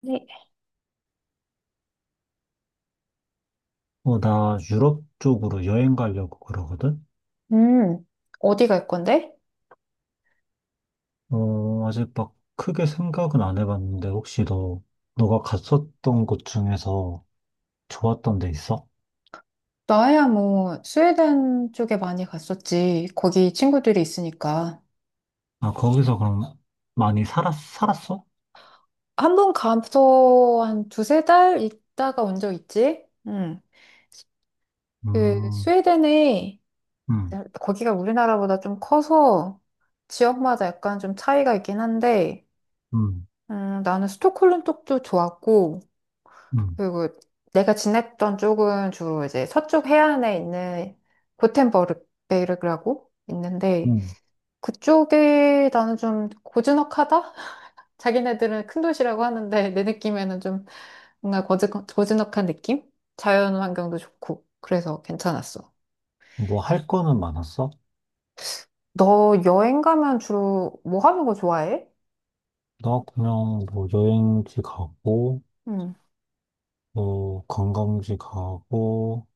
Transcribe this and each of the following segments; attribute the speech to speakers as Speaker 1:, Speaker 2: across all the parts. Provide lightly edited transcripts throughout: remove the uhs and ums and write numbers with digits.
Speaker 1: 네.
Speaker 2: 나 유럽 쪽으로 여행 가려고 그러거든?
Speaker 1: 음, 어디 갈 건데?
Speaker 2: 아직 막 크게 생각은 안 해봤는데, 혹시 너가 갔었던 곳 중에서 좋았던 데 있어?
Speaker 1: 나야 뭐 스웨덴 쪽에 많이 갔었지. 거기 친구들이 있으니까.
Speaker 2: 아, 거기서 그럼 많이 살았어?
Speaker 1: 한 번 가서 한 두세 달 있다가 온 적 있지? 응. 그
Speaker 2: 음,
Speaker 1: 스웨덴에
Speaker 2: 음,
Speaker 1: 거기가 우리나라보다 좀 커서 지역마다 약간 좀 차이가 있긴 한데,
Speaker 2: 음,
Speaker 1: 나는 스톡홀름 쪽도 좋았고,
Speaker 2: 음,
Speaker 1: 그리고 내가 지냈던 쪽은 주로 이제 서쪽 해안에 있는 고텐버르베르라고 있는데,
Speaker 2: 음.
Speaker 1: 그쪽이 나는 좀 고즈넉하다? 자기네들은 큰 도시라고 하는데 내 느낌에는 좀 뭔가 고즈넉한 느낌? 자연 환경도 좋고 그래서 괜찮았어.
Speaker 2: 뭐 할 거는 많았어?
Speaker 1: 너 여행 가면 주로 뭐 하는 거 좋아해?
Speaker 2: 나 그냥 뭐 여행지 가고,
Speaker 1: 음,
Speaker 2: 관광지 가고,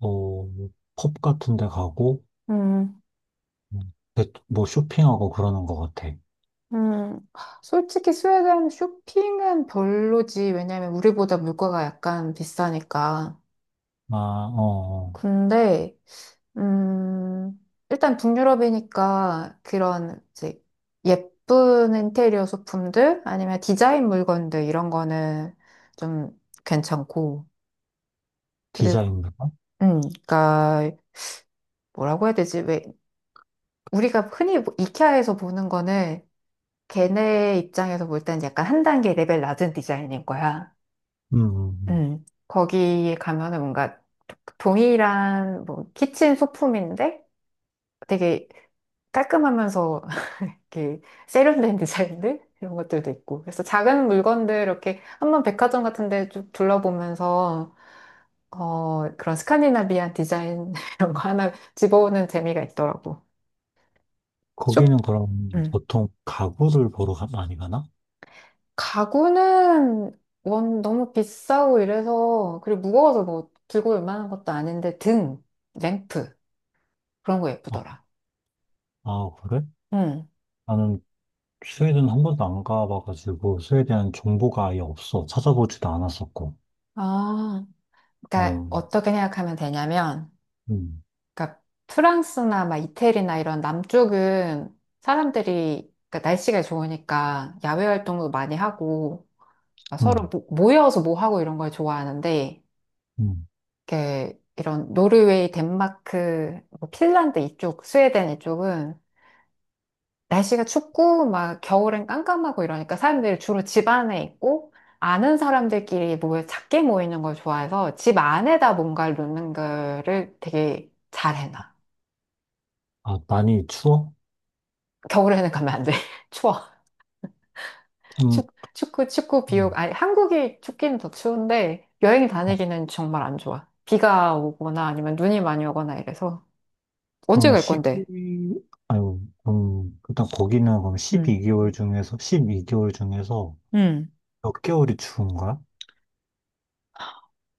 Speaker 2: 어, 뭐 펍 같은 데 가고,
Speaker 1: 음,
Speaker 2: 뭐 쇼핑하고 그러는 것 같아.
Speaker 1: 음. 솔직히 스웨덴 쇼핑은 별로지. 왜냐면 우리보다 물가가 약간 비싸니까.
Speaker 2: 아, 어, 어.
Speaker 1: 근데 음, 일단 북유럽이니까 그런 이제 예쁜 인테리어 소품들 아니면 디자인 물건들 이런 거는 좀 괜찮고. 그리고
Speaker 2: 디자인부가?
Speaker 1: 음, 그러니까 뭐라고 해야 되지? 왜 우리가 흔히 뭐 이케아에서 보는 거는 걔네 입장에서 볼 때는 약간 한 단계 레벨 낮은 디자인인 거야.
Speaker 2: 음, 음, 음.
Speaker 1: 거기에 가면은 뭔가 동일한 뭐 키친 소품인데 되게 깔끔하면서 이렇게 세련된 디자인들 이런 것들도 있고, 그래서 작은 물건들 이렇게 한번 백화점 같은 데 쭉 둘러보면서 그런 스칸디나비안 디자인 이런 거 하나 집어오는 재미가 있더라고. 쇼?
Speaker 2: 거기는 그럼
Speaker 1: 음.
Speaker 2: 보통 가구를 보러 많이 가나?
Speaker 1: 가구는 원 너무 비싸고 이래서, 그리고 무거워서 뭐 들고 올 만한 것도 아닌데, 등, 램프 그런 거
Speaker 2: 아,
Speaker 1: 예쁘더라.
Speaker 2: 아, 그래?
Speaker 1: 음.
Speaker 2: 나는 스웨덴 한 번도 안 가봐가지고, 스웨덴 정보가 아예 없어. 찾아보지도 않았었고.
Speaker 1: 아, 그러니까
Speaker 2: 어,
Speaker 1: 어떻게 생각하면 되냐면,
Speaker 2: 음,
Speaker 1: 그러니까 프랑스나 막 이태리나 이런 남쪽은 사람들이 그러니까 날씨가 좋으니까 야외 활동도 많이 하고 막
Speaker 2: 음,
Speaker 1: 서로 모여서 뭐 하고 이런 걸 좋아하는데,
Speaker 2: 음.
Speaker 1: 이렇게 이런 노르웨이, 덴마크, 뭐 핀란드 이쪽, 스웨덴 이쪽은 날씨가 춥고 막 겨울엔 깜깜하고 이러니까 사람들이 주로 집 안에 있고 아는 사람들끼리 모여 작게 모이는 걸 좋아해서 집 안에다 뭔가를 놓는 거를 되게 잘해놔.
Speaker 2: 아, 많이 추워?
Speaker 1: 겨울에는 가면 안 돼. 추워.
Speaker 2: 음,
Speaker 1: 축, 축구, 축구 비육.
Speaker 2: 음.
Speaker 1: 아니, 한국이 춥기는 더 추운데, 여행 다니기는 정말 안 좋아. 비가 오거나 아니면 눈이 많이 오거나 이래서. 언제
Speaker 2: 그럼
Speaker 1: 갈 건데?
Speaker 2: 12, 아유, 일단 거기는 그럼
Speaker 1: 응,
Speaker 2: 십이 개월 중에서
Speaker 1: 응.
Speaker 2: 몇 개월이 추운 거야?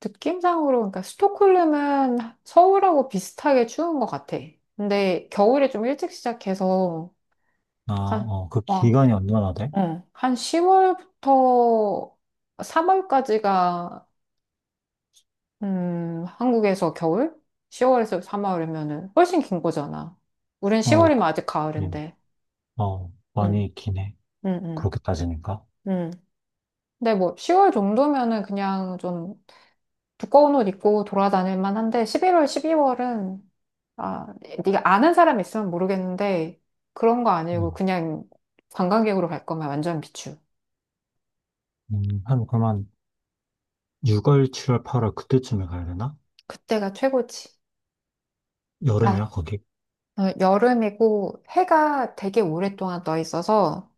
Speaker 1: 느낌상으로, 그러니까 스톡홀름은 서울하고 비슷하게 추운 것 같아. 근데 겨울에 좀 일찍 시작해서,
Speaker 2: 아,
Speaker 1: 한,
Speaker 2: 어, 그
Speaker 1: 와,
Speaker 2: 기간이 얼마나 돼?
Speaker 1: 응, 한 10월부터 3월까지가. 한국에서 겨울? 10월에서 3월이면은 훨씬 긴 거잖아. 우린
Speaker 2: 어,
Speaker 1: 10월이면
Speaker 2: 그-
Speaker 1: 아직
Speaker 2: 예.
Speaker 1: 가을인데.
Speaker 2: 많이
Speaker 1: 응,
Speaker 2: 있긴 해.
Speaker 1: 응, 응,
Speaker 2: 그렇게 따지니까.
Speaker 1: 응. 근데 뭐 10월 정도면은 그냥 좀 두꺼운 옷 입고 돌아다닐 만한데 11월, 12월은, 아, 네가 아는 사람 있으면 모르겠는데 그런 거 아니고
Speaker 2: 음,
Speaker 1: 그냥 관광객으로 갈 거면 완전 비추.
Speaker 2: 그러면 6월, 7월, 8월 그때쯤에 가야 되나?
Speaker 1: 그때가 최고지.
Speaker 2: 여름이야,
Speaker 1: 아,
Speaker 2: 거기?
Speaker 1: 여름이고 해가 되게 오랫동안 떠 있어서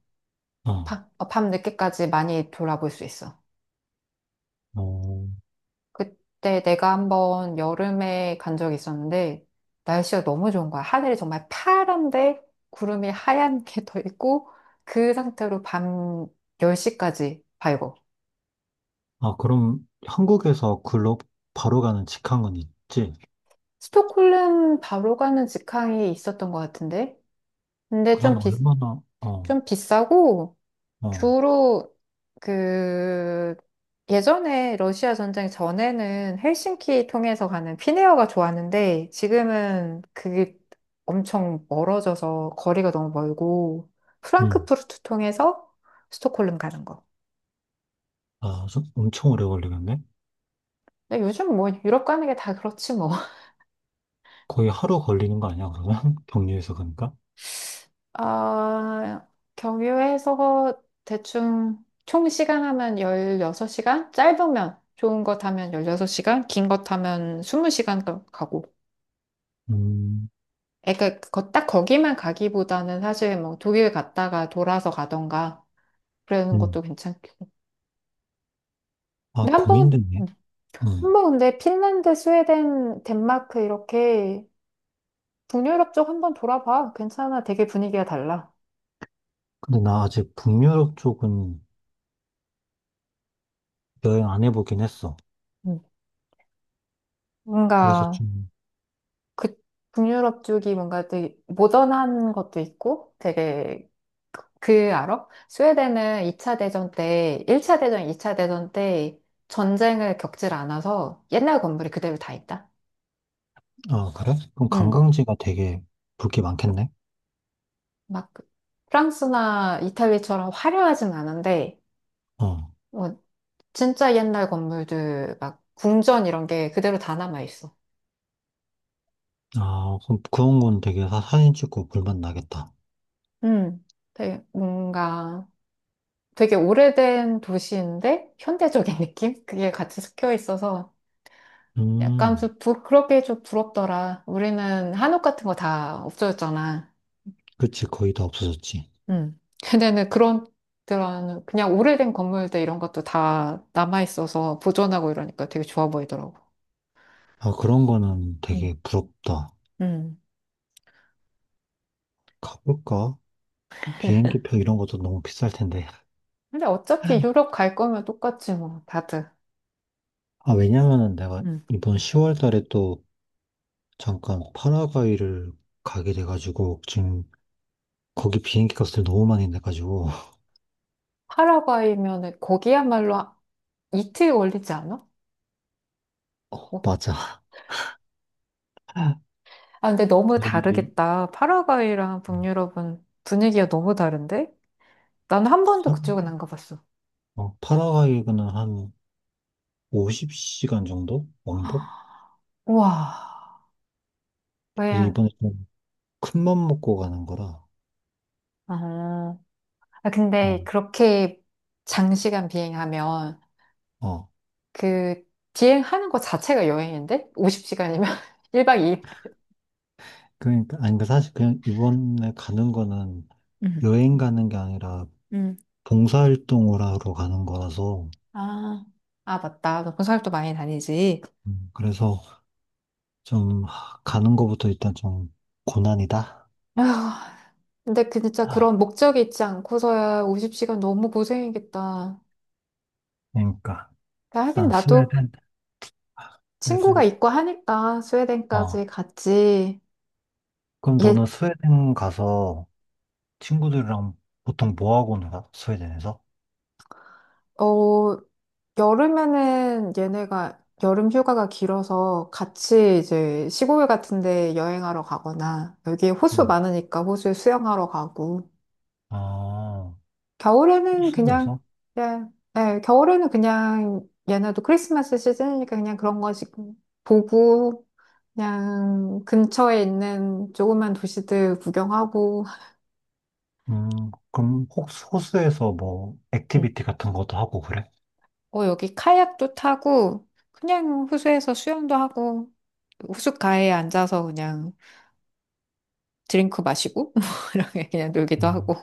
Speaker 2: 어,
Speaker 1: 밤, 밤늦게까지 많이 돌아볼 수 있어.
Speaker 2: 어.
Speaker 1: 그때 내가 한번 여름에 간 적이 있었는데 날씨가 너무 좋은 거야. 하늘이 정말 파란데 구름이 하얀 게 떠 있고 그 상태로 밤 10시까지 밝고.
Speaker 2: 아, 그럼 한국에서 글로 바로 가는 직항은 있지?
Speaker 1: 스톡홀름 바로 가는 직항이 있었던 것 같은데, 근데
Speaker 2: 그한 얼마나,
Speaker 1: 좀 비싸고.
Speaker 2: 어,
Speaker 1: 주로 그 예전에 러시아 전쟁 전에는 헬싱키 통해서 가는 피네어가 좋았는데 지금은 그게 엄청 멀어져서 거리가 너무 멀고,
Speaker 2: 음.
Speaker 1: 프랑크푸르트 통해서 스톡홀름 가는 거.
Speaker 2: 아, 좀 엄청 오래 걸리겠네?
Speaker 1: 근데 요즘 뭐 유럽 가는 게 다 그렇지 뭐.
Speaker 2: 거의 하루 걸리는 거 아니야, 그러면? 경유해서 가니까?
Speaker 1: 아, 경유해서 대충 총 시간 하면 16시간? 짧으면 좋은 거 타면 16시간, 긴 거 타면 20시간 가고.
Speaker 2: 음,
Speaker 1: 그러니까 거 딱 거기만 가기보다는 사실 뭐 독일 갔다가 돌아서 가던가 그러는
Speaker 2: 음.
Speaker 1: 것도 괜찮고.
Speaker 2: 아,
Speaker 1: 근데 한 번,
Speaker 2: 고민됐네. 음.
Speaker 1: 한번 근데 핀란드, 스웨덴, 덴마크 이렇게 북유럽 쪽 한번 돌아봐. 괜찮아. 되게 분위기가 달라.
Speaker 2: 근데 나 아직 북유럽 쪽은 여행 안 해보긴 했어.
Speaker 1: 음.
Speaker 2: 그래서
Speaker 1: 뭔가 그 북유럽 쪽이 뭔가 되게 모던한 것도 있고 되게, 그 알아? 스웨덴은 2차 대전 때, 1차 대전, 2차 대전 때 전쟁을 겪질 않아서 옛날 건물이 그대로 다 있다.
Speaker 2: 아, 그래? 그럼
Speaker 1: 음.
Speaker 2: 관광지가 되게 볼 게 많겠네?
Speaker 1: 막 프랑스나 이탈리아처럼 화려하진 않은데,
Speaker 2: 어.
Speaker 1: 뭐 진짜 옛날 건물들, 막 궁전 이런 게 그대로 다 남아 있어.
Speaker 2: 아, 그럼 그런 건 되게 사진 찍고 볼만 나겠다.
Speaker 1: 음, 되게 뭔가 되게 오래된 도시인데 현대적인 느낌? 그게 같이 섞여 있어서 약간
Speaker 2: 음,
Speaker 1: 그렇게 좀 부럽더라. 우리는 한옥 같은 거 다 없어졌잖아.
Speaker 2: 그치. 거의 다 없어졌지.
Speaker 1: 걔네는 그런 그냥 오래된 건물들 이런 것도 다 남아 있어서 보존하고 이러니까 되게 좋아 보이더라고.
Speaker 2: 아, 그런 거는
Speaker 1: 음.
Speaker 2: 되게 부럽다.
Speaker 1: 음.
Speaker 2: 가볼까? 비행기표 이런 것도 너무 비쌀 텐데.
Speaker 1: 근데 어차피 유럽 갈 거면 똑같지 뭐 다들.
Speaker 2: 아, 왜냐면은 내가
Speaker 1: 음.
Speaker 2: 이번 10월 달에 또 잠깐 파라과이를 가게 돼가지고 지금 거기 비행기 값을 너무 많이 내가지고.
Speaker 1: 파라과이면은 거기야말로 이틀 걸리지 않아?
Speaker 2: 어,
Speaker 1: 뭐.
Speaker 2: 맞아.
Speaker 1: 아 근데 너무
Speaker 2: 거의
Speaker 1: 다르겠다. 파라과이랑 북유럽은 분위기가 너무 다른데? 나는 한 번도 그쪽은
Speaker 2: 파-
Speaker 1: 안 가봤어.
Speaker 2: 파라과이는 한 50시간 정도? 왕복?
Speaker 1: 우와.
Speaker 2: 그래서
Speaker 1: 그냥,
Speaker 2: 이번에 좀 큰 맘 먹고 가는 거라.
Speaker 1: 아, 아,
Speaker 2: 어,
Speaker 1: 근데 그렇게 장시간 비행하면
Speaker 2: 어.
Speaker 1: 그 비행하는 거 자체가 여행인데? 50시간이면 1박 2일.
Speaker 2: 그러니까, 아니, 그 사실 그냥 이번에 가는 거는
Speaker 1: 음.
Speaker 2: 여행 가는 게 아니라
Speaker 1: 음.
Speaker 2: 봉사활동을 하러 가는 거라서,
Speaker 1: 아, 아, 맞다. 너 군산도 많이 다니지.
Speaker 2: 그래서 좀 가는 거부터 일단 좀 고난이다.
Speaker 1: 아, 근데 그 진짜
Speaker 2: 아,
Speaker 1: 그런 목적이 있지 않고서야 50시간 너무 고생이겠다.
Speaker 2: 그러니까,
Speaker 1: 하긴
Speaker 2: 일단
Speaker 1: 나도
Speaker 2: 스웨덴, 아, 스웨덴.
Speaker 1: 친구가 있고 하니까
Speaker 2: 어.
Speaker 1: 스웨덴까지 갔지.
Speaker 2: 그럼 너는
Speaker 1: 얘,
Speaker 2: 스웨덴 가서 친구들이랑 보통 뭐 하고 놀아? 스웨덴에서?
Speaker 1: 어, 여름에는 얘네가 여름 휴가가 길어서 같이 이제 시골 같은 데 여행하러 가거나 여기 호수
Speaker 2: 음.
Speaker 1: 많으니까 호수에 수영하러 가고.
Speaker 2: 아,
Speaker 1: 겨울에는 그냥,
Speaker 2: 코스에서?
Speaker 1: 예, 예, 겨울에는 그냥 얘네도 크리스마스 시즌이니까 그냥 그런 거 지금 보고 그냥 근처에 있는 조그만 도시들 구경하고.
Speaker 2: 그럼 혹시 호수에서 뭐 액티비티 같은 것도 하고 그래?
Speaker 1: 음. 어, 여기 카약도 타고 그냥 호수에서 수영도 하고 호숫가에 앉아서 그냥 드링크 마시고 뭐 이렇게 그냥 놀기도 하고.
Speaker 2: 음,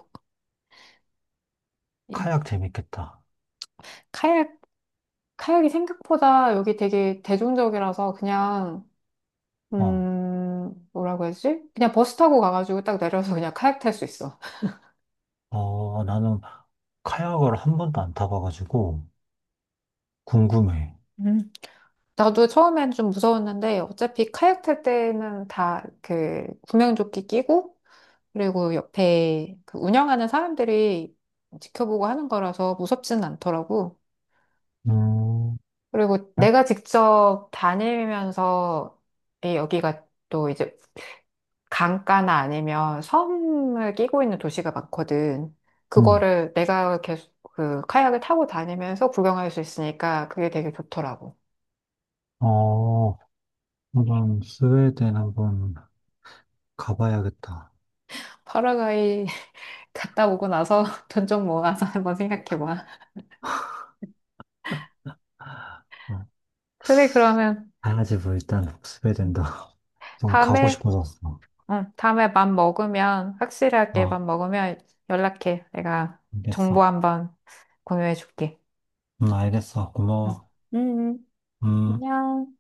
Speaker 1: 예.
Speaker 2: 카약 재밌겠다.
Speaker 1: 카약. 카약이 생각보다 여기 되게 대중적이라서 그냥,
Speaker 2: 어,
Speaker 1: 뭐라고 해야지? 그냥 버스 타고 가가지고 딱 내려서 그냥 카약 탈 수 있어.
Speaker 2: 나는 카약을 한 번도 안 타봐가지고 궁금해.
Speaker 1: 음. 나도 처음엔 좀 무서웠는데 어차피 카약 탈 때는 다 그 구명조끼 끼고, 그리고 옆에 그 운영하는 사람들이 지켜보고 하는 거라서 무섭지는 않더라고.
Speaker 2: 음,
Speaker 1: 그리고
Speaker 2: 그래?
Speaker 1: 내가 직접 다니면서, 이 여기가 또 이제 강가나 아니면 섬을 끼고 있는 도시가 많거든.
Speaker 2: 음,
Speaker 1: 그거를 내가 계속 그 카약을 타고 다니면서 구경할 수 있으니까 그게 되게 좋더라고.
Speaker 2: 어, 한번 스웨덴 한번 가봐야겠다.
Speaker 1: 파라과이 갔다 오고 나서 돈 좀 모아서 한번 생각해봐.
Speaker 2: 어,
Speaker 1: 그래, 그러면
Speaker 2: 가야지 뭐 일단 스웨덴도 좀 가고
Speaker 1: 다음에,
Speaker 2: 싶어졌어.
Speaker 1: 응, 다음에 밥 먹으면, 확실하게 밥
Speaker 2: 어,
Speaker 1: 먹으면 연락해. 내가 정보
Speaker 2: 알겠어.
Speaker 1: 한번 공유해줄게.
Speaker 2: 알겠어.
Speaker 1: 응.
Speaker 2: 고마워.
Speaker 1: 응. 응.
Speaker 2: 음.
Speaker 1: 안녕.